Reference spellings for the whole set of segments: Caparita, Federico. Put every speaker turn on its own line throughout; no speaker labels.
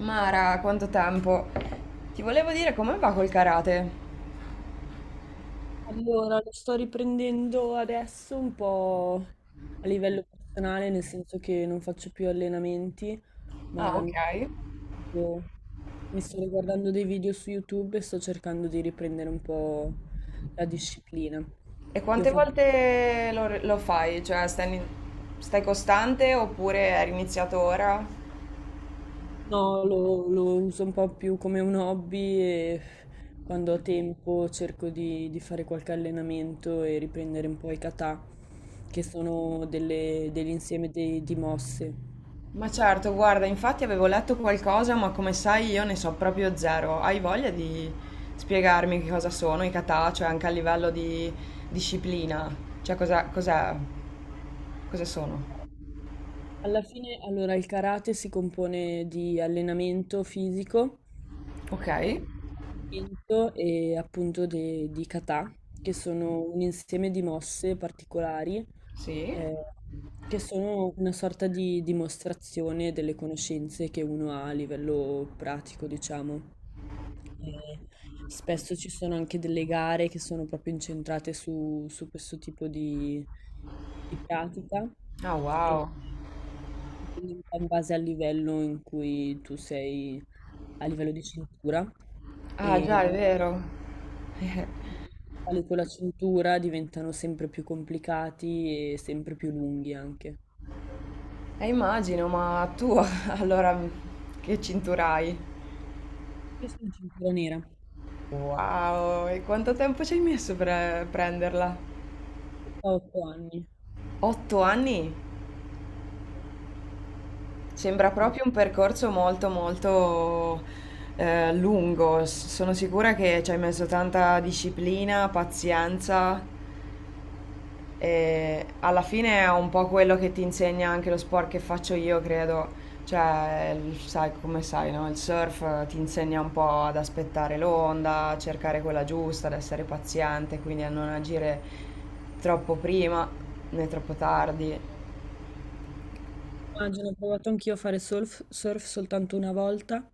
Mara, quanto tempo. Ti volevo dire come va col karate.
Allora, lo sto riprendendo adesso un po' a livello personale, nel senso che non faccio più allenamenti,
Ah,
ma
ok.
riguardando, mi sto riguardando dei video su YouTube e sto cercando di riprendere un po' la disciplina.
E
Io
quante
faccio...
volte lo fai? Cioè, stai, stai costante oppure hai iniziato ora?
No, lo uso un po' più come un hobby e quando ho tempo cerco di fare qualche allenamento e riprendere un po' i kata, che sono degli insieme di mosse.
Ma certo, guarda, infatti avevo letto qualcosa, ma come sai io ne so proprio zero. Hai voglia di spiegarmi che cosa sono i kata, cioè anche a livello di disciplina? Cioè, cos'è? Cosa sono?
Alla fine, allora, il karate si compone di allenamento fisico,
Ok,
di combattimento e appunto di kata, che sono un insieme di mosse particolari,
sì.
eh, che sono una sorta di dimostrazione delle conoscenze che uno ha a livello pratico, diciamo. E spesso ci sono anche delle gare che sono proprio incentrate su questo tipo di pratica
Ah,
e
wow.
dipende un po' in base al livello in cui tu sei a livello di cintura
Ah,
e
già, è
man
vero.
mano che sali con la cintura diventano sempre più complicati e sempre più lunghi anche.
Immagino, ma tu allora che cintura hai?
Io sono cintura nera,
Wow, e quanto tempo ci hai messo per prenderla?
ho 8 anni.
8 anni? Sembra proprio un percorso molto molto lungo. Sono sicura che ci hai messo tanta disciplina, pazienza. E alla fine è un po' quello che ti insegna anche lo sport che faccio io, credo. Cioè, sai come sai, no? Il surf ti insegna un po' ad aspettare l'onda, a cercare quella giusta, ad essere paziente, quindi a non agire troppo prima né troppo tardi.
Immagino, ho provato anch'io a fare surf soltanto una volta,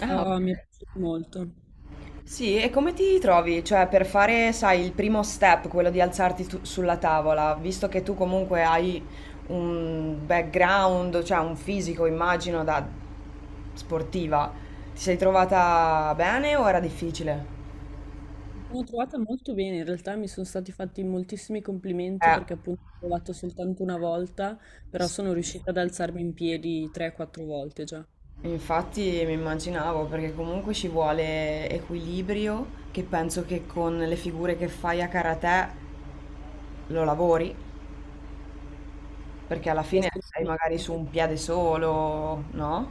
Ah, ok.
però mi è piaciuto molto.
Sì, e come ti trovi? Cioè, per fare, sai, il primo step, quello di alzarti sulla tavola, visto che tu comunque hai un background, cioè un fisico, immagino, da sportiva, ti sei trovata bene o era difficile?
Mi sono trovata molto bene, in realtà mi sono stati fatti moltissimi complimenti
Eh,
perché appunto ho provato soltanto una volta, però
sì.
sono riuscita ad alzarmi in piedi 3-4 volte già.
Infatti mi immaginavo, perché comunque ci vuole equilibrio, che penso che con le figure che fai a karate lo lavori, perché alla
Mi è
fine sei magari
sorpreso.
su un piede solo, no?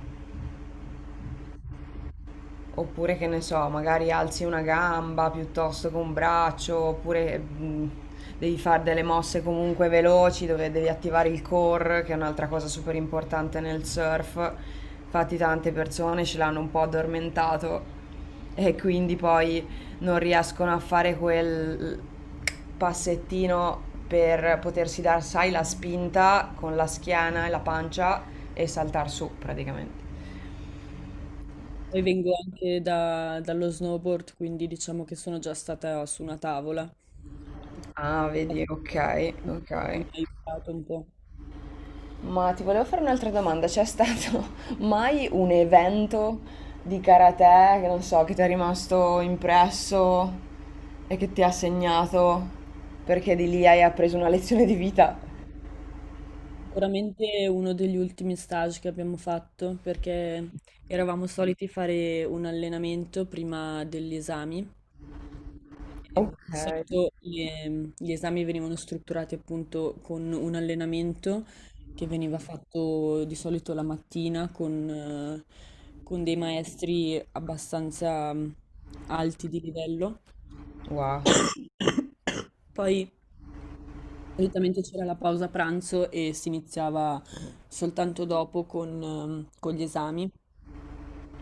Oppure che ne so, magari alzi una gamba piuttosto che un braccio, oppure devi fare delle mosse comunque veloci dove devi attivare il core, che è un'altra cosa super importante nel surf. Infatti tante persone ce l'hanno un po' addormentato e quindi poi non riescono a fare quel passettino per potersi dar, sai, la spinta con la schiena e la pancia e saltar su praticamente.
Poi vengo anche dallo snowboard, quindi diciamo che sono già stata su una tavola, di
Ah,
conseguenza
vedi, ok, ok.
mi ha aiutato un po'.
Ma ti volevo fare un'altra domanda. C'è stato mai un evento di karate che non so, che ti è rimasto impresso e che ti ha segnato perché di lì hai appreso una lezione di vita?
Sicuramente uno degli ultimi stage che abbiamo fatto perché eravamo soliti fare un allenamento prima degli esami. E
Ok.
di solito gli esami venivano strutturati appunto con un allenamento che veniva fatto di solito la mattina con dei maestri abbastanza alti di livello.
Wow.
Poi solitamente c'era la pausa pranzo e si iniziava soltanto dopo con gli esami.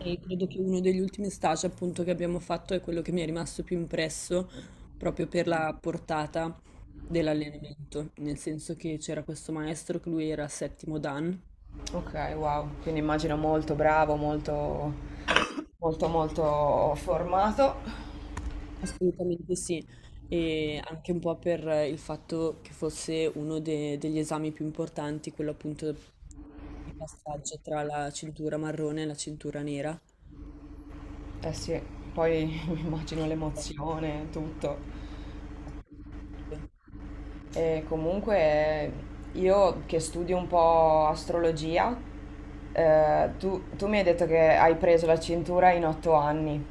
E credo che uno degli ultimi stage appunto che abbiamo fatto è quello che mi è rimasto più impresso proprio per la portata dell'allenamento, nel senso che c'era questo maestro che lui era settimo Dan,
Ok, wow. Quindi immagino molto bravo, molto, molto, molto formato.
assolutamente sì, e anche un po' per il fatto che fosse uno degli esami più importanti, quello appunto di passaggio tra la cintura marrone e la cintura nera.
Eh sì, poi mi immagino l'emozione, tutto. E comunque io che studio un po' astrologia. Tu mi hai detto che hai preso la cintura in 8 anni.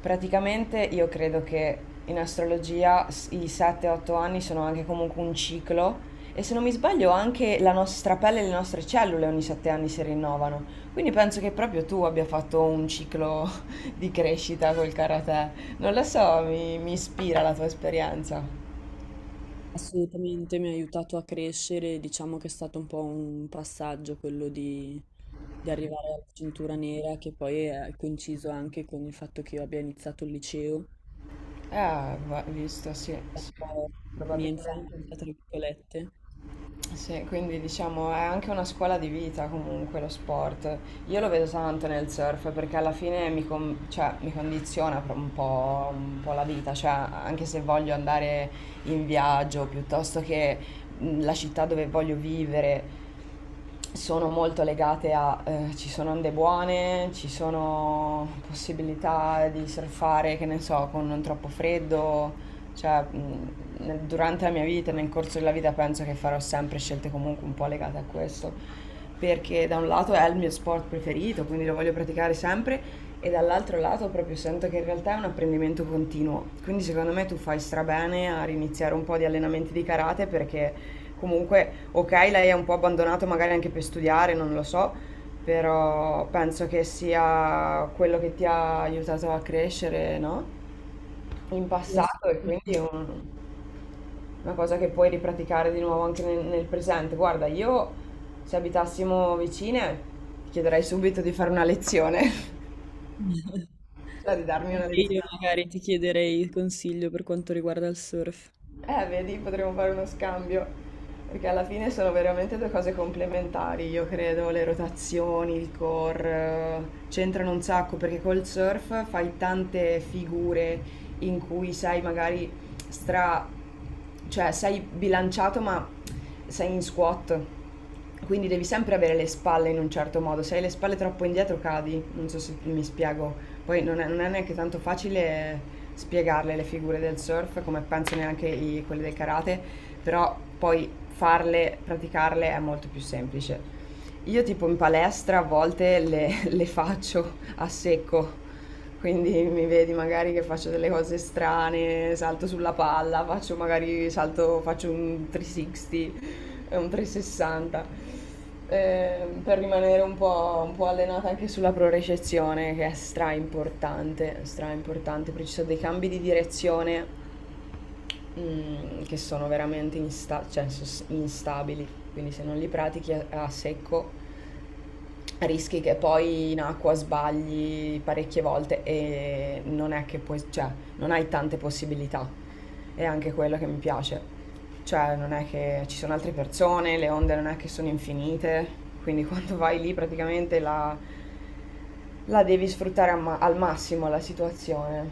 Praticamente io credo che in astrologia i 7-8 anni sono anche comunque un ciclo e se non mi sbaglio anche la nostra pelle e le nostre cellule ogni 7 anni si rinnovano. Quindi penso che proprio tu abbia fatto un ciclo di crescita col karate. Non lo so, mi ispira la tua esperienza.
Assolutamente mi ha aiutato a crescere, diciamo che è stato un po' un passaggio quello di arrivare alla cintura nera che poi è coinciso anche con il fatto che io abbia iniziato il liceo,
Ah, visto, sì,
un
sì.
po' la mia infanzia, tra
Probabilmente.
virgolette.
Sì, quindi diciamo è anche una scuola di vita comunque lo sport. Io lo vedo tanto nel surf perché alla fine cioè, mi condiziona un po' la vita, cioè anche se voglio andare in viaggio piuttosto che la città dove voglio vivere, sono molto legate a ci sono onde buone, ci sono possibilità di surfare, che ne so, con non troppo freddo, cioè durante la mia vita, nel corso della vita penso che farò sempre scelte comunque un po' legate a questo, perché da un lato è il mio sport preferito, quindi lo voglio praticare sempre e dall'altro lato proprio sento che in realtà è un apprendimento continuo, quindi secondo me tu fai strabene a riniziare un po' di allenamenti di karate perché comunque, ok, lei è un po' abbandonato magari anche per studiare, non lo so, però penso che sia quello che ti ha aiutato a crescere, no? In
Sì,
passato e quindi è
assolutamente.
una cosa che puoi ripraticare di nuovo anche nel presente. Guarda, io se abitassimo vicine, ti chiederei subito di fare una lezione, cioè di darmi una
Anche
lezione.
io magari ti chiederei il consiglio per quanto riguarda il surf.
Vedi, potremmo fare uno scambio, perché alla fine sono veramente due cose complementari, io credo, le rotazioni, il core, c'entrano un sacco, perché col surf fai tante figure in cui sei magari stra... cioè sei bilanciato ma sei in squat. Quindi devi sempre avere le spalle in un certo modo, se hai le spalle troppo indietro cadi, non so se mi spiego. Poi non è neanche tanto facile spiegarle le figure del surf, come penso neanche quelle del karate, però poi farle, praticarle è molto più semplice. Io tipo in palestra a volte le faccio a secco, quindi mi vedi magari che faccio delle cose strane, salto sulla palla, faccio magari salto, faccio un 360, eh, un 360, per rimanere un po' allenata anche sulla propriocezione, che è stra importante, perché ci sono dei cambi di direzione, che sono veramente cioè, instabili, quindi se non li pratichi a secco rischi che poi in acqua sbagli parecchie volte e non è che puoi, cioè, non hai tante possibilità. È anche quello che mi piace. Cioè, non è che ci sono altre persone, le onde non è che sono infinite, quindi quando vai lì praticamente la devi sfruttare al al massimo la situazione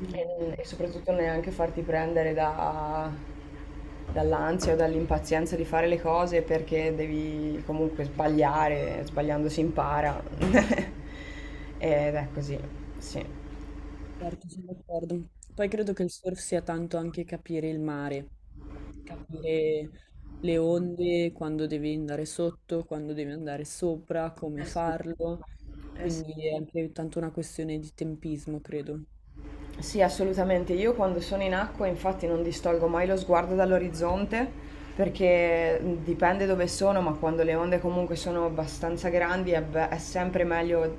Mm.
e soprattutto neanche farti prendere da dall'ansia o dall'impazienza di fare le cose perché devi comunque sbagliare, sbagliando si impara. Ed è così, sì.
Certo, sono d'accordo. Poi credo che il surf sia tanto anche capire il mare, capire le onde, quando devi andare sotto, quando devi andare sopra, come
Eh sì,
farlo.
eh sì.
Quindi è anche tanto una questione di tempismo, credo.
Sì, assolutamente. Io quando sono in acqua, infatti, non distolgo mai lo sguardo dall'orizzonte perché dipende dove sono, ma quando le onde comunque sono abbastanza grandi è sempre meglio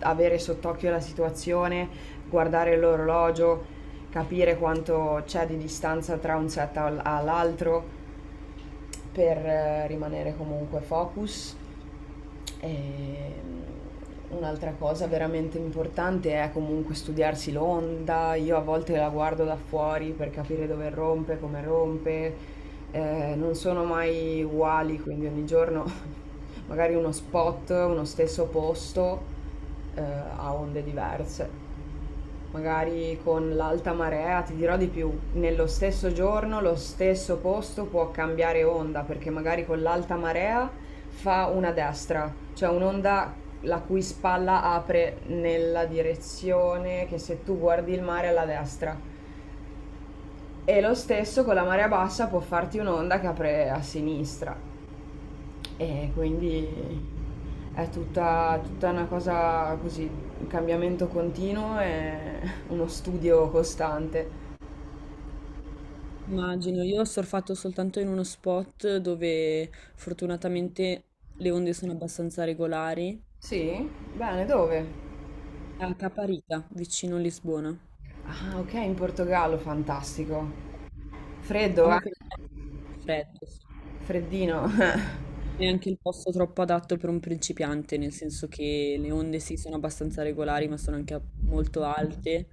avere sott'occhio la situazione, guardare l'orologio, capire quanto c'è di distanza tra un set all'altro per rimanere comunque focus. E un'altra cosa veramente importante è comunque studiarsi l'onda. Io a volte la guardo da fuori per capire dove rompe, come rompe. Non sono mai uguali, quindi ogni giorno magari uno spot, uno stesso posto ha onde diverse. Magari con l'alta marea, ti dirò di più, nello stesso giorno lo stesso posto può cambiare onda, perché magari con l'alta marea fa una destra, cioè un'onda la cui spalla apre nella direzione che se tu guardi il mare è alla destra. E lo stesso con la marea bassa può farti un'onda che apre a sinistra. E quindi è tutta una cosa così, un cambiamento continuo e uno studio costante.
Immagino, io ho surfato soltanto in uno spot dove fortunatamente le onde sono abbastanza regolari,
Sì? Bene, dove?
a Caparita, vicino a Lisbona.
Ah, ok, in Portogallo, fantastico. Freddo, eh?
Diciamo che è freddo, sì.
Freddino.
È anche il posto troppo adatto per un principiante, nel senso che le onde sì sono abbastanza regolari, ma sono anche molto alte.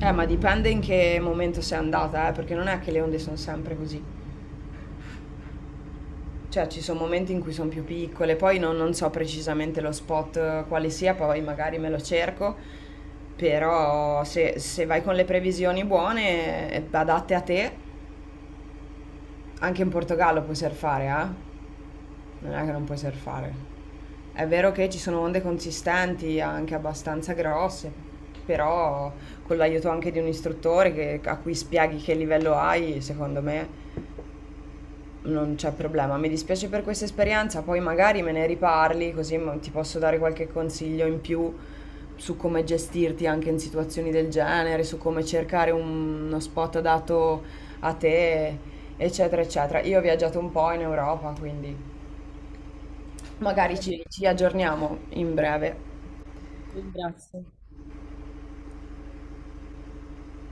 Ma dipende in che momento sei andata, perché non è che le onde sono sempre così. Cioè, ci sono momenti in cui sono più piccole, poi non so precisamente lo spot quale sia, poi magari me lo cerco, però se vai con le previsioni buone, adatte a te, anche in Portogallo puoi surfare, eh? Non è che non puoi surfare. È vero che ci sono onde consistanti, anche abbastanza grosse, però con l'aiuto anche di un istruttore a cui spieghi che livello hai, secondo me non c'è problema. Mi dispiace per questa esperienza, poi magari me ne riparli, così ti posso dare qualche consiglio in più su come gestirti anche in situazioni del genere, su come cercare uno spot adatto a te, eccetera, eccetera. Io ho viaggiato un po' in Europa, quindi magari
Va bene,
ci aggiorniamo in breve.
ti ringrazio.